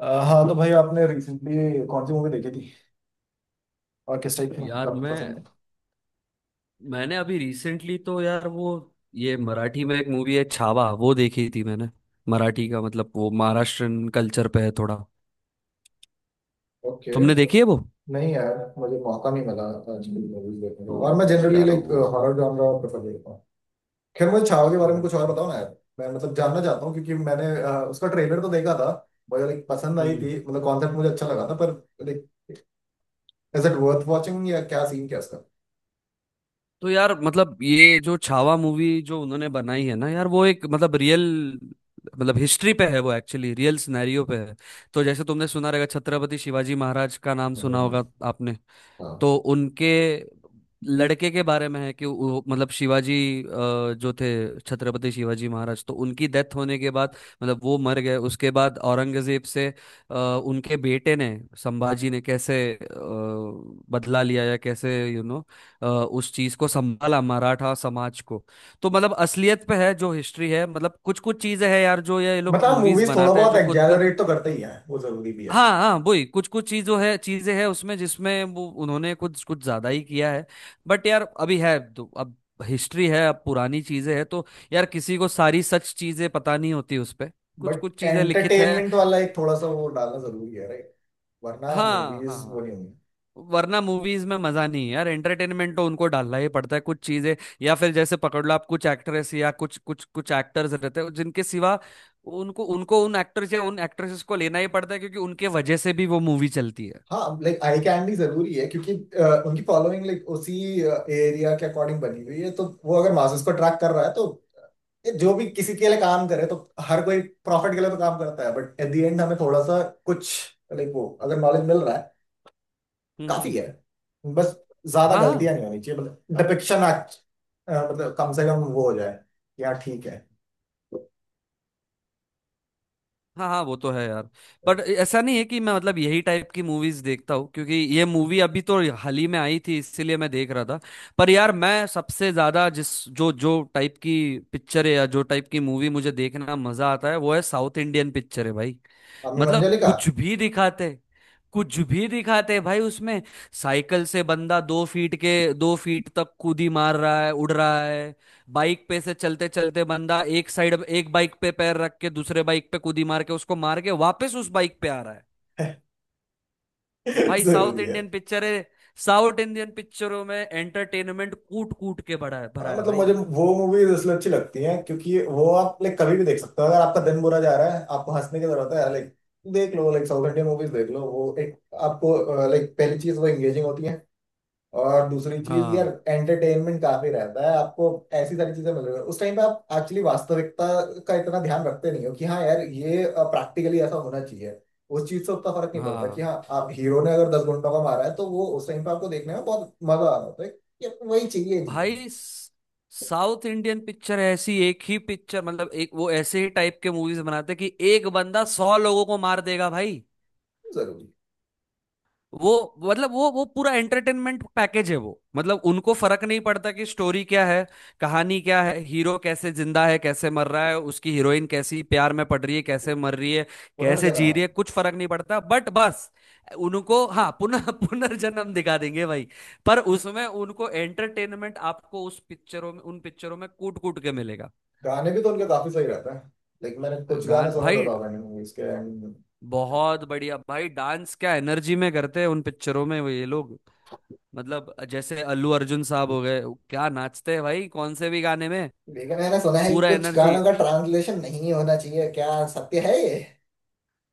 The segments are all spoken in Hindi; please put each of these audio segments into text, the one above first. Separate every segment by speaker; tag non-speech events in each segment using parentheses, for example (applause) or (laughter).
Speaker 1: हाँ तो भाई आपने रिसेंटली कौन सी मूवी देखी थी और किस टाइप की मूवी
Speaker 2: यार
Speaker 1: आपको
Speaker 2: मैं
Speaker 1: पसंद है।
Speaker 2: मैंने अभी रिसेंटली तो यार वो ये मराठी में एक मूवी है छावा वो देखी थी मैंने। मराठी का मतलब वो महाराष्ट्रन कल्चर पे है थोड़ा।
Speaker 1: ओके।
Speaker 2: तुमने देखी है वो?
Speaker 1: नहीं यार, मुझे मौका नहीं मिला आजकल मूवीज देखने का,
Speaker 2: तो
Speaker 1: और मैं जनरली
Speaker 2: यार
Speaker 1: लाइक
Speaker 2: वो।
Speaker 1: हॉरर जॉनरा प्रेफर करता हूँ। खैर, मुझे छावा के बारे में कुछ और
Speaker 2: अच्छा।
Speaker 1: बताओ ना यार, मैं मतलब जानना चाहता हूँ क्योंकि मैंने उसका ट्रेलर तो देखा था। मुझे लाइक पसंद आई
Speaker 2: हम्म।
Speaker 1: थी, मतलब कॉन्सेप्ट मुझे अच्छा लगा था, पर like is it worth watching, या क्या सीन क्या इसका।
Speaker 2: तो यार मतलब ये जो छावा मूवी जो उन्होंने बनाई है ना यार वो एक मतलब रियल मतलब हिस्ट्री पे है, वो एक्चुअली रियल सिनेरियो पे है। तो जैसे तुमने सुना रहेगा, छत्रपति शिवाजी महाराज का नाम सुना होगा आपने?
Speaker 1: हाँ,
Speaker 2: तो उनके लड़के के बारे में है कि वो मतलब शिवाजी, जो थे छत्रपति शिवाजी महाराज, तो उनकी डेथ होने के बाद मतलब वो मर गए, उसके बाद औरंगजेब से अ, उनके बेटे ने संभाजी ने कैसे बदला लिया या कैसे उस चीज को संभाला मराठा समाज को। तो मतलब असलियत पे है जो हिस्ट्री है, मतलब कुछ कुछ चीजें हैं यार जो ये लोग
Speaker 1: मतलब
Speaker 2: मूवीज
Speaker 1: मूवीज थोड़ा
Speaker 2: बनाते हैं
Speaker 1: बहुत
Speaker 2: जो खुद।
Speaker 1: एग्जैजरेट तो करते ही हैं, वो जरूरी भी है।
Speaker 2: हाँ हाँ, वही कुछ कुछ चीजों है चीजें हैं उसमें जिसमें वो उन्होंने कुछ कुछ ज्यादा ही किया है। बट यार अभी है तो अब हिस्ट्री है, अब पुरानी चीजें हैं तो यार किसी को सारी सच चीजें पता नहीं होती उस पे, कुछ
Speaker 1: बट
Speaker 2: कुछ चीजें लिखित है।
Speaker 1: एंटरटेनमेंट वाला एक थोड़ा सा वो डालना जरूरी है, राइट। वरना
Speaker 2: हाँ हाँ
Speaker 1: मूवीज वो
Speaker 2: हाँ।
Speaker 1: नहीं होंगी।
Speaker 2: वरना मूवीज में मजा नहीं है यार, एंटरटेनमेंट तो उनको डालना ही पड़ता है कुछ चीजें। या फिर जैसे पकड़ लो आप कुछ एक्ट्रेस या कुछ कुछ कुछ एक्टर्स रहते हैं जिनके सिवा उनको उनको उन एक्टर्स या उन एक्ट्रेसेस को लेना ही पड़ता है क्योंकि उनके वजह से भी वो मूवी चलती है।
Speaker 1: हाँ लाइक आई कैंडी जरूरी है क्योंकि उनकी फॉलोइंग लाइक उसी एरिया के अकॉर्डिंग बनी हुई है, तो वो अगर मासेस को अट्रैक्ट कर रहा है तो ये जो भी किसी के लिए काम करे, तो हर कोई प्रॉफिट के लिए तो काम करता है। बट एट द एंड हमें थोड़ा सा कुछ लाइक वो अगर नॉलेज मिल रहा है,
Speaker 2: हम्म।
Speaker 1: काफी है। बस ज्यादा
Speaker 2: हाँ
Speaker 1: गलतियां नहीं होनी चाहिए, मतलब डिपिक्शन मतलब कम से कम वो हो जाए यार, ठीक है।
Speaker 2: हाँ हाँ, वो तो है यार।
Speaker 1: Right.
Speaker 2: पर ऐसा नहीं है कि मैं मतलब यही टाइप की मूवीज देखता हूँ क्योंकि ये मूवी अभी तो हाल ही में आई थी इसीलिए मैं देख रहा था। पर यार मैं सबसे ज्यादा जिस जो जो टाइप की पिक्चर है या जो टाइप की मूवी मुझे देखना मजा आता है वो है साउथ इंडियन पिक्चर है भाई।
Speaker 1: हमें
Speaker 2: मतलब
Speaker 1: मंजलिका
Speaker 2: कुछ भी दिखाते, कुछ भी दिखाते भाई उसमें। साइकिल से बंदा दो फीट के दो फीट तक कूदी मार रहा है, उड़ रहा है। बाइक पे से चलते चलते बंदा एक साइड एक बाइक पे पैर रख के दूसरे बाइक पे कूदी मार के उसको मार के वापस उस बाइक पे आ रहा है।
Speaker 1: (laughs)
Speaker 2: भाई साउथ
Speaker 1: जरूरी है।
Speaker 2: इंडियन पिक्चर है, साउथ इंडियन पिक्चरों में एंटरटेनमेंट कूट कूट के भरा है, भरा
Speaker 1: हाँ,
Speaker 2: है
Speaker 1: मतलब
Speaker 2: भाई।
Speaker 1: मुझे वो मूवीज इसलिए अच्छी लगती हैं क्योंकि वो आप लाइक कभी भी देख सकते हो। अगर आपका दिन बुरा जा रहा है, आपको हंसने की जरूरत है यार, लाइक देख लो, लाइक साउथ इंडियन मूवीज देख लो। वो एक आपको लाइक पहली चीज वो एंगेजिंग होती है, और दूसरी चीज यार
Speaker 2: हाँ
Speaker 1: एंटरटेनमेंट काफी रहता है आपको। ऐसी सारी चीजें मिल रही है उस टाइम पे, आप एक्चुअली वास्तविकता का इतना ध्यान रखते नहीं हो कि हाँ यार ये प्रैक्टिकली ऐसा होना चाहिए। उस चीज से उतना फर्क नहीं पड़ता
Speaker 2: हाँ
Speaker 1: कि हाँ, आप हीरो ने अगर दस घंटों का मारा है, तो वो उस टाइम पे आपको देखने में बहुत मजा आ रहा होता है कि वही चाहिए जीवन में।
Speaker 2: भाई, साउथ इंडियन पिक्चर ऐसी एक ही पिक्चर, मतलब एक वो ऐसे ही टाइप के मूवीज बनाते कि एक बंदा सौ लोगों को मार देगा भाई।
Speaker 1: जरूरी है।
Speaker 2: वो मतलब वो पूरा एंटरटेनमेंट पैकेज है वो, मतलब उनको फर्क नहीं पड़ता कि स्टोरी क्या है, कहानी क्या है, हीरो कैसे जिंदा है कैसे मर रहा है, उसकी हीरोइन कैसी प्यार में पड़ रही है कैसे मर रही है कैसे जी रही है,
Speaker 1: पुनर्जन्म।
Speaker 2: कुछ फर्क नहीं पड़ता। बट बस उनको हाँ पुनः (laughs) पुनर्जन्म दिखा देंगे भाई। पर उसमें उनको एंटरटेनमेंट आपको उस पिक्चरों में उन पिक्चरों में कूट कूट के मिलेगा।
Speaker 1: गाने भी तो उनके काफी सही रहते हैं। लेकिन मैंने कुछ गाने
Speaker 2: गान
Speaker 1: सुने तो
Speaker 2: भाई,
Speaker 1: था मैंने मूवीज के
Speaker 2: बहुत बढ़िया भाई, डांस क्या एनर्जी में करते हैं उन पिक्चरों में वो ये लोग। मतलब जैसे अल्लू अर्जुन साहब हो गए, क्या नाचते हैं भाई कौन से भी गाने में।
Speaker 1: लेकिन मैंने सुना है कि
Speaker 2: पूरा
Speaker 1: कुछ
Speaker 2: एनर्जी।
Speaker 1: गानों का ट्रांसलेशन नहीं होना चाहिए, क्या सत्य है ये?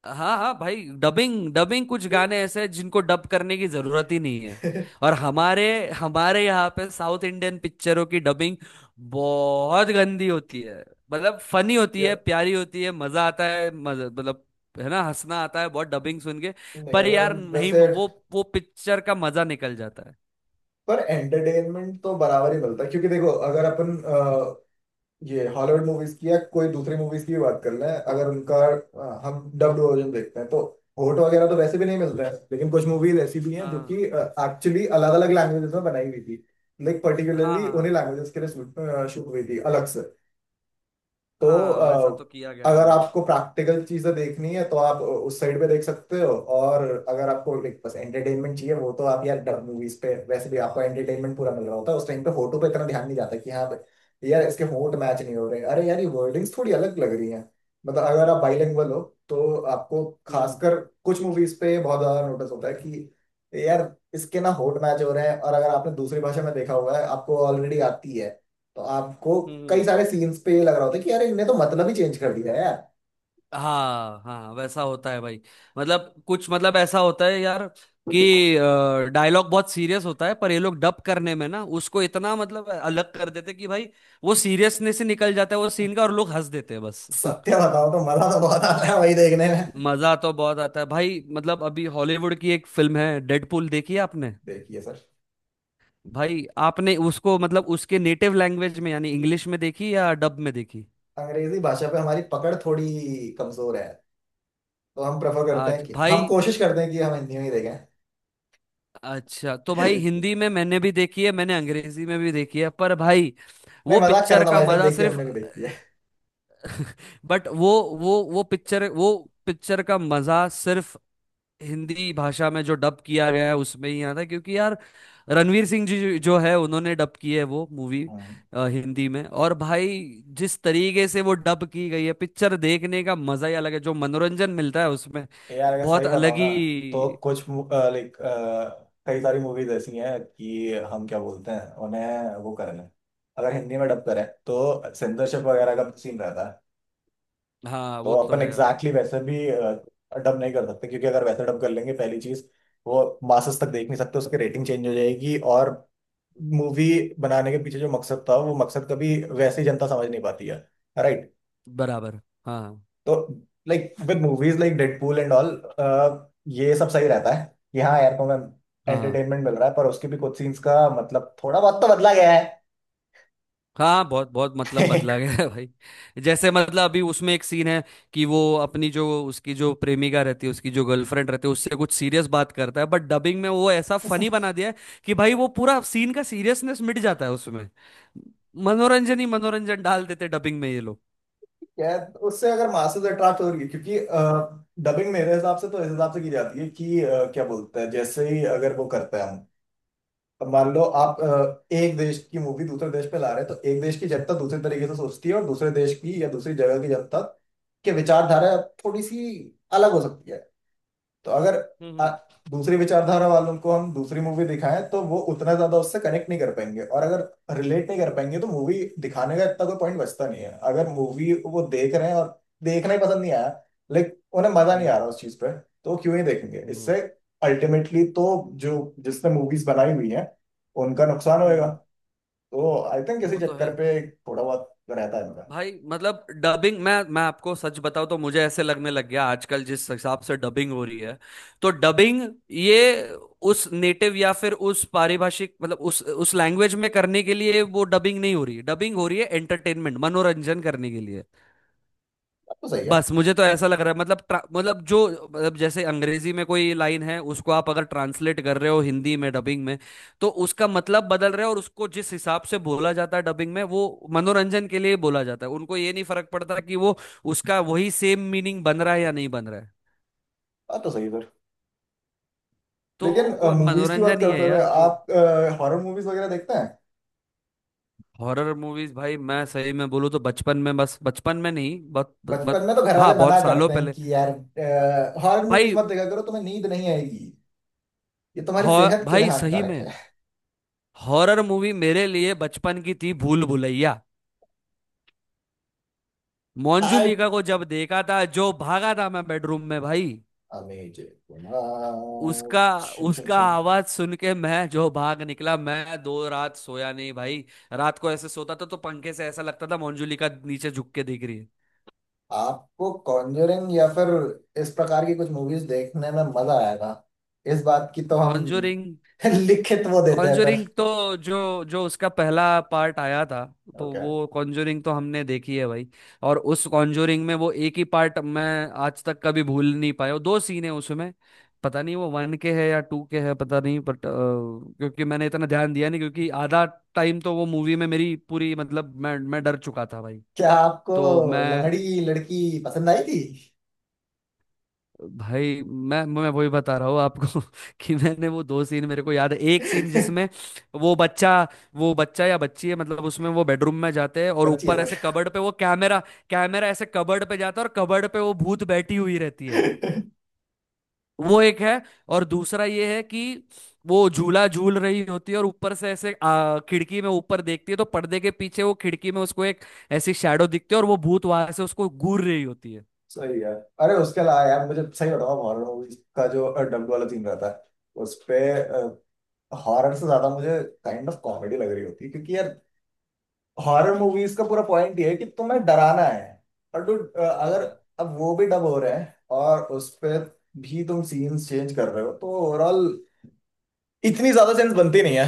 Speaker 2: हाँ हाँ भाई, डबिंग डबिंग कुछ गाने ऐसे हैं जिनको डब करने की जरूरत ही नहीं है। और हमारे हमारे यहाँ पे साउथ इंडियन पिक्चरों की डबिंग बहुत गंदी होती है। मतलब फनी
Speaker 1: (laughs)
Speaker 2: होती है,
Speaker 1: यार
Speaker 2: प्यारी होती है, मजा आता है, मजा मतलब, है ना? हंसना आता है बहुत डबिंग सुन के।
Speaker 1: नहीं,
Speaker 2: पर
Speaker 1: अगर
Speaker 2: यार
Speaker 1: हम
Speaker 2: नहीं,
Speaker 1: वैसे
Speaker 2: वो वो पिक्चर का मजा निकल जाता है।
Speaker 1: पर एंटरटेनमेंट तो बराबर ही मिलता है क्योंकि देखो, अगर अपन ये हॉलीवुड मूवीज की या कोई दूसरी मूवीज की भी बात कर लें, अगर उनका हम डब्ड वर्जन देखते हैं तो होट वगैरह तो वैसे भी नहीं मिलते हैं। लेकिन कुछ मूवीज ऐसी भी हैं जो
Speaker 2: हाँ
Speaker 1: कि एक्चुअली अलग अलग लैंग्वेजेस में बनाई हुई थी, लाइक
Speaker 2: हाँ
Speaker 1: पर्टिकुलरली
Speaker 2: हाँ,
Speaker 1: उन्हीं
Speaker 2: हाँ
Speaker 1: लैंग्वेजेस के लिए शूट हुई थी अलग से। तो
Speaker 2: हाँ वैसा तो किया गया है
Speaker 1: अगर
Speaker 2: भाई।
Speaker 1: आपको प्रैक्टिकल चीजें देखनी है तो आप उस साइड पे देख सकते हो, और अगर आपको लाइक बस एंटरटेनमेंट चाहिए वो, तो आप यार डब मूवीज पे वैसे भी आपको एंटरटेनमेंट पूरा मिल रहा होता है। उस टाइम पे फोटो पे इतना ध्यान नहीं जाता कि हाँ भाई, यार इसके होंठ मैच नहीं हो रहे, अरे यार ये वर्डिंग्स थोड़ी अलग लग रही हैं। मतलब अगर आप बाइलिंगुअल हो, तो आपको
Speaker 2: हम्म। हम्म।
Speaker 1: खासकर कुछ मूवीज पे बहुत ज्यादा नोटिस होता है कि यार इसके ना होंठ मैच हो रहे हैं, और अगर आपने दूसरी भाषा में देखा हुआ है, आपको ऑलरेडी आती है, तो आपको कई
Speaker 2: हम्म।
Speaker 1: सारे सीन्स पे ये लग रहा होता है कि यार इनने तो मतलब ही चेंज कर दिया है यार।
Speaker 2: हाँ हाँ वैसा होता है भाई, मतलब कुछ मतलब ऐसा होता है यार कि डायलॉग बहुत सीरियस होता है पर ये लोग डब करने में ना उसको इतना मतलब अलग कर देते कि भाई वो सीरियसनेस से निकल जाता है वो सीन का और लोग हंस देते हैं बस। (laughs)
Speaker 1: सत्य बताओ तो मजा तो बहुत आता है वही देखने में।
Speaker 2: मजा तो बहुत आता है भाई, मतलब अभी हॉलीवुड की एक फिल्म है डेडपूल, देखी है आपने?
Speaker 1: देखिए सर,
Speaker 2: भाई आपने उसको मतलब उसके नेटिव लैंग्वेज में यानी इंग्लिश में देखी या डब में देखी?
Speaker 1: अंग्रेजी भाषा पे हमारी पकड़ थोड़ी कमजोर है, तो हम प्रेफर करते हैं
Speaker 2: आज
Speaker 1: कि हम
Speaker 2: भाई
Speaker 1: कोशिश करते हैं कि हम हिंदी में ही देखें।
Speaker 2: अच्छा, तो भाई
Speaker 1: (laughs)
Speaker 2: हिंदी में मैंने भी देखी है, मैंने अंग्रेजी में भी देखी है पर भाई
Speaker 1: नहीं
Speaker 2: वो
Speaker 1: मजाक कर रहा
Speaker 2: पिक्चर
Speaker 1: था
Speaker 2: का
Speaker 1: भाई साहब,
Speaker 2: मजा
Speaker 1: देखिए
Speaker 2: सिर्फ,
Speaker 1: हमने भी देखी है।
Speaker 2: बट वो वो पिक्चर वो पिक्चर का मजा सिर्फ हिंदी भाषा में जो डब किया गया है उसमें ही आता है क्योंकि यार रणवीर सिंह जी जो जो है उन्होंने डब की है वो मूवी
Speaker 1: हाँ।
Speaker 2: हिंदी में। और भाई जिस तरीके से वो डब की गई है पिक्चर देखने का मजा ही अलग है, जो मनोरंजन मिलता है उसमें
Speaker 1: यार अगर
Speaker 2: बहुत
Speaker 1: सही
Speaker 2: अलग
Speaker 1: बताओ ना,
Speaker 2: ही।
Speaker 1: तो कुछ लाइक कई सारी मूवीज ऐसी हैं कि हम क्या बोलते हैं उन्हें, वो कर लें अगर हिंदी में डब करें तो सेंसरशिप वगैरह का सीन रहता है।
Speaker 2: हाँ
Speaker 1: तो
Speaker 2: वो तो
Speaker 1: अपन
Speaker 2: है यार।
Speaker 1: एग्जैक्टली exactly वैसे भी डब नहीं कर सकते क्योंकि अगर वैसे डब कर लेंगे, पहली चीज वो मासस तक देख नहीं सकते, उसकी रेटिंग चेंज हो जाएगी, और मूवी बनाने के पीछे जो मकसद था वो मकसद कभी वैसे ही जनता समझ नहीं पाती है, राइट।
Speaker 2: बराबर। हाँ
Speaker 1: तो like with movies like Deadpool and all ये सब सही रहता है कि हाँ यार को
Speaker 2: हाँ हाँ।
Speaker 1: एंटरटेनमेंट मिल रहा है, पर उसके भी कुछ सीन्स का मतलब थोड़ा बहुत तो बदला गया
Speaker 2: हाँ बहुत बहुत मतलब
Speaker 1: है।
Speaker 2: बदला गया है भाई। जैसे मतलब अभी उसमें एक सीन है कि वो अपनी जो उसकी जो प्रेमिका रहती है उसकी जो गर्लफ्रेंड रहती है उससे कुछ सीरियस बात करता है बट डबिंग में वो ऐसा फनी
Speaker 1: (laughs)
Speaker 2: बना दिया है कि भाई वो पूरा सीन का सीरियसनेस मिट जाता है उसमें। मनोरंजन ही मनोरंजन डाल देते डबिंग में ये लोग।
Speaker 1: क्या उससे अगर मासेस अट्रैक्ट हो रही है, क्योंकि डबिंग मेरे हिसाब से तो इस हिसाब से की जाती है कि क्या बोलते हैं, जैसे ही अगर वो करते हैं हम, अब मान लो आप एक देश की मूवी दूसरे देश पे ला रहे हैं, तो एक देश की जनता दूसरे तरीके से सोचती है और दूसरे देश की या दूसरी जगह की जनता के विचारधारा थोड़ी सी अलग हो सकती है। तो अगर आ,
Speaker 2: हम्म।
Speaker 1: दूसरी विचारधारा वालों को हम दूसरी मूवी दिखाएं, तो वो उतना ज्यादा उससे कनेक्ट नहीं कर पाएंगे, और अगर रिलेट नहीं कर पाएंगे तो मूवी दिखाने का इतना कोई पॉइंट बचता नहीं है। अगर मूवी वो देख रहे हैं और देखना ही पसंद नहीं आया, लाइक उन्हें मजा
Speaker 2: हम्म।
Speaker 1: नहीं आ
Speaker 2: हम्म।
Speaker 1: रहा उस चीज पे, तो वो क्यों ही देखेंगे
Speaker 2: हम्म।
Speaker 1: इससे। अल्टीमेटली तो जो जिसने मूवीज बनाई हुई हैं, उनका नुकसान
Speaker 2: हम्म,
Speaker 1: होएगा।
Speaker 2: हम्म,
Speaker 1: तो आई थिंक इसी
Speaker 2: वो तो है
Speaker 1: चक्कर पे थोड़ा बहुत रहता है इनका।
Speaker 2: भाई। मतलब डबिंग मैं आपको सच बताऊं तो मुझे ऐसे लगने लग गया आजकल जिस हिसाब से डबिंग हो रही है, तो डबिंग ये उस नेटिव या फिर उस पारिभाषिक मतलब उस लैंग्वेज में करने के लिए वो डबिंग नहीं हो रही, डबिंग हो रही है एंटरटेनमेंट मनोरंजन करने के लिए
Speaker 1: बात तो सही है।
Speaker 2: बस। मुझे तो ऐसा लग रहा है मतलब मतलब जो मतलब जैसे अंग्रेजी में कोई लाइन है उसको आप अगर ट्रांसलेट कर रहे हो हिंदी में डबिंग में तो उसका मतलब बदल रहा है, और उसको जिस हिसाब से बोला जाता है डबिंग में वो मनोरंजन के लिए बोला जाता है, उनको ये नहीं फर्क पड़ता कि वो उसका वही सेम मीनिंग बन रहा है या नहीं बन रहा है।
Speaker 1: बात तो सही है सर।
Speaker 2: तो
Speaker 1: लेकिन
Speaker 2: वो
Speaker 1: मूवीज की बात
Speaker 2: मनोरंजन ही
Speaker 1: करते
Speaker 2: है
Speaker 1: हुए
Speaker 2: यार वो।
Speaker 1: आप हॉरर मूवीज वगैरह देखते हैं?
Speaker 2: हॉरर मूवीज भाई मैं सही में बोलूँ तो बचपन में, बस बचपन में नहीं, बहुत
Speaker 1: बचपन
Speaker 2: बहुत,
Speaker 1: में तो घर वाले
Speaker 2: हाँ बहुत
Speaker 1: मना
Speaker 2: सालों
Speaker 1: करते हैं
Speaker 2: पहले
Speaker 1: कि यार हॉरर मूवीज
Speaker 2: भाई।
Speaker 1: मत देखा करो, तुम्हें नींद नहीं आएगी, ये तुम्हारी सेहत के लिए
Speaker 2: भाई सही
Speaker 1: हानिकारक
Speaker 2: में
Speaker 1: है।
Speaker 2: हॉरर मूवी मेरे लिए बचपन की थी भूल भुलैया।
Speaker 1: आई
Speaker 2: मोंजुलिका को जब देखा था जो भागा था मैं बेडरूम में भाई।
Speaker 1: अमेजिंग।
Speaker 2: उसका,
Speaker 1: छुम छुम
Speaker 2: उसका
Speaker 1: छुम।
Speaker 2: आवाज सुन के मैं जो भाग निकला मैं दो रात सोया नहीं भाई। रात को ऐसे सोता था तो पंखे से ऐसा लगता था मोंजुलिका नीचे झुक के देख रही है।
Speaker 1: आपको कॉन्जरिंग या फिर इस प्रकार की कुछ मूवीज देखने में मजा आएगा, इस बात की तो हम
Speaker 2: कॉन्जोरिंग,
Speaker 1: (laughs) लिखित वो देते हैं पर।
Speaker 2: कॉन्जरिंग तो जो जो उसका पहला पार्ट आया था तो
Speaker 1: ओके।
Speaker 2: वो कॉन्जरिंग तो हमने देखी है भाई। और उस कॉन्जरिंग में वो एक ही पार्ट मैं आज तक कभी भूल नहीं पाया, वो दो सीन है उसमें। पता नहीं वो वन के है या टू के है, पता नहीं, बट क्योंकि मैंने इतना ध्यान दिया नहीं क्योंकि आधा टाइम तो वो मूवी में मेरी पूरी मतलब मैं डर चुका था भाई।
Speaker 1: क्या आपको
Speaker 2: तो मैं
Speaker 1: लंगड़ी लड़की पसंद आई थी?
Speaker 2: भाई मैं वही बता रहा हूँ आपको (laughs) कि मैंने वो दो सीन मेरे को याद है, एक सीन
Speaker 1: (laughs)
Speaker 2: जिसमें वो बच्चा, वो बच्चा या बच्ची है मतलब उसमें वो बेडरूम में जाते हैं और
Speaker 1: बच्ची
Speaker 2: ऊपर
Speaker 1: है।
Speaker 2: ऐसे कबर्ड पे वो कैमरा, कैमरा ऐसे कबर्ड पे जाता है और कबर्ड पे वो भूत बैठी हुई रहती है।
Speaker 1: सर (laughs)
Speaker 2: वो एक है। और दूसरा ये है कि वो झूला झूल रही होती है और ऊपर से ऐसे खिड़की में ऊपर देखती है तो पर्दे के पीछे वो खिड़की में उसको एक ऐसी शैडो दिखती है और वो भूत वहां से उसको घूर रही होती है।
Speaker 1: सही है। अरे उसके अलावा यार मुझे सही बताओ, हॉरर मूवीज का जो डब्ड वाला सीन रहता है उस पे हॉरर से ज्यादा मुझे काइंड ऑफ कॉमेडी लग रही होती है, क्योंकि यार हॉरर मूवीज का पूरा पॉइंट ये है कि तुम्हें डराना है, और डू अगर
Speaker 2: हाँ
Speaker 1: अब वो भी डब हो रहे हैं, और उस पे भी तुम सीन्स चेंज कर रहे हो, तो ओवरऑल इतनी ज्यादा सेंस बनती नहीं है।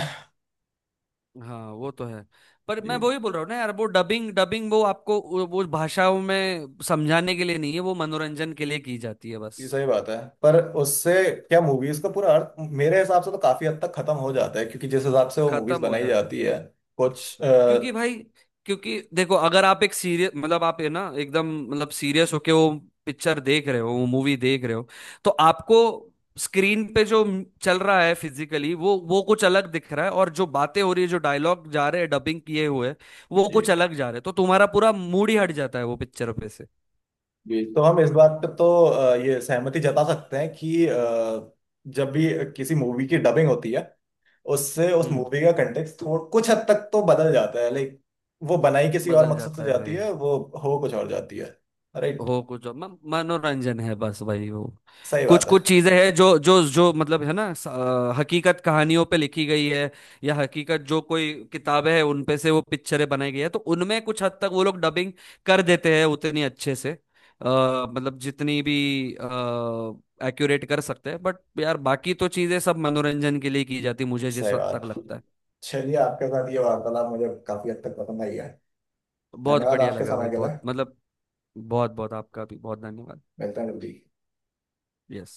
Speaker 2: हाँ वो तो है। पर मैं
Speaker 1: जी,
Speaker 2: वही बोल रहा हूँ ना यार वो डबिंग डबिंग वो आपको वो भाषाओं में समझाने के लिए नहीं है, वो मनोरंजन के लिए की जाती है बस।
Speaker 1: ये सही बात है। पर उससे क्या मूवीज का पूरा अर्थ मेरे हिसाब से तो काफी हद तक खत्म हो जाता है, क्योंकि जिस हिसाब से वो मूवीज
Speaker 2: खत्म हो
Speaker 1: बनाई
Speaker 2: जाता है
Speaker 1: जाती है कुछ।
Speaker 2: क्योंकि भाई, क्योंकि देखो अगर आप एक सीरियस मतलब आप है ना एकदम मतलब सीरियस होके वो पिक्चर देख रहे हो वो मूवी देख रहे हो तो आपको स्क्रीन पे जो चल रहा है फिजिकली वो कुछ अलग दिख रहा है और जो बातें हो रही है जो डायलॉग जा रहे हैं डबिंग किए हुए वो
Speaker 1: जी।
Speaker 2: कुछ अलग जा रहे हैं तो तुम्हारा पूरा मूड ही हट जाता है वो पिक्चर पे से।
Speaker 1: जी, तो हम इस बात पे तो ये सहमति जता सकते हैं कि जब भी किसी मूवी की डबिंग होती है, उससे उस
Speaker 2: हम्म।
Speaker 1: मूवी का कंटेक्स्ट थोड़ा कुछ हद तक तो बदल जाता है, लाइक वो बनाई किसी और
Speaker 2: बदल
Speaker 1: मकसद से
Speaker 2: जाता है
Speaker 1: जाती
Speaker 2: भाई।
Speaker 1: है, वो हो कुछ और जाती है, राइट।
Speaker 2: हो कुछ मनोरंजन है बस भाई वो।
Speaker 1: सही
Speaker 2: कुछ
Speaker 1: बात है।
Speaker 2: कुछ चीजें हैं जो जो जो मतलब है ना हकीकत कहानियों पे लिखी गई है या हकीकत जो कोई किताबें हैं उन पे से वो पिक्चरें बनाई गई है तो उनमें कुछ हद तक वो लोग डबिंग कर देते हैं उतनी अच्छे से अ, मतलब जितनी भी एक्यूरेट कर सकते हैं बट यार बाकी तो चीजें सब मनोरंजन के लिए की जाती मुझे जिस
Speaker 1: सही
Speaker 2: हद
Speaker 1: बात।
Speaker 2: तक लगता है।
Speaker 1: चलिए, आपके साथ ये वार्तालाप मुझे काफी हद तक पसंद आई है।
Speaker 2: बहुत
Speaker 1: धन्यवाद
Speaker 2: बढ़िया
Speaker 1: आपके
Speaker 2: लगा भाई
Speaker 1: समय के लिए।
Speaker 2: बहुत मतलब। बहुत बहुत आपका भी बहुत धन्यवाद।
Speaker 1: मिलते हैं जल्दी।
Speaker 2: यस।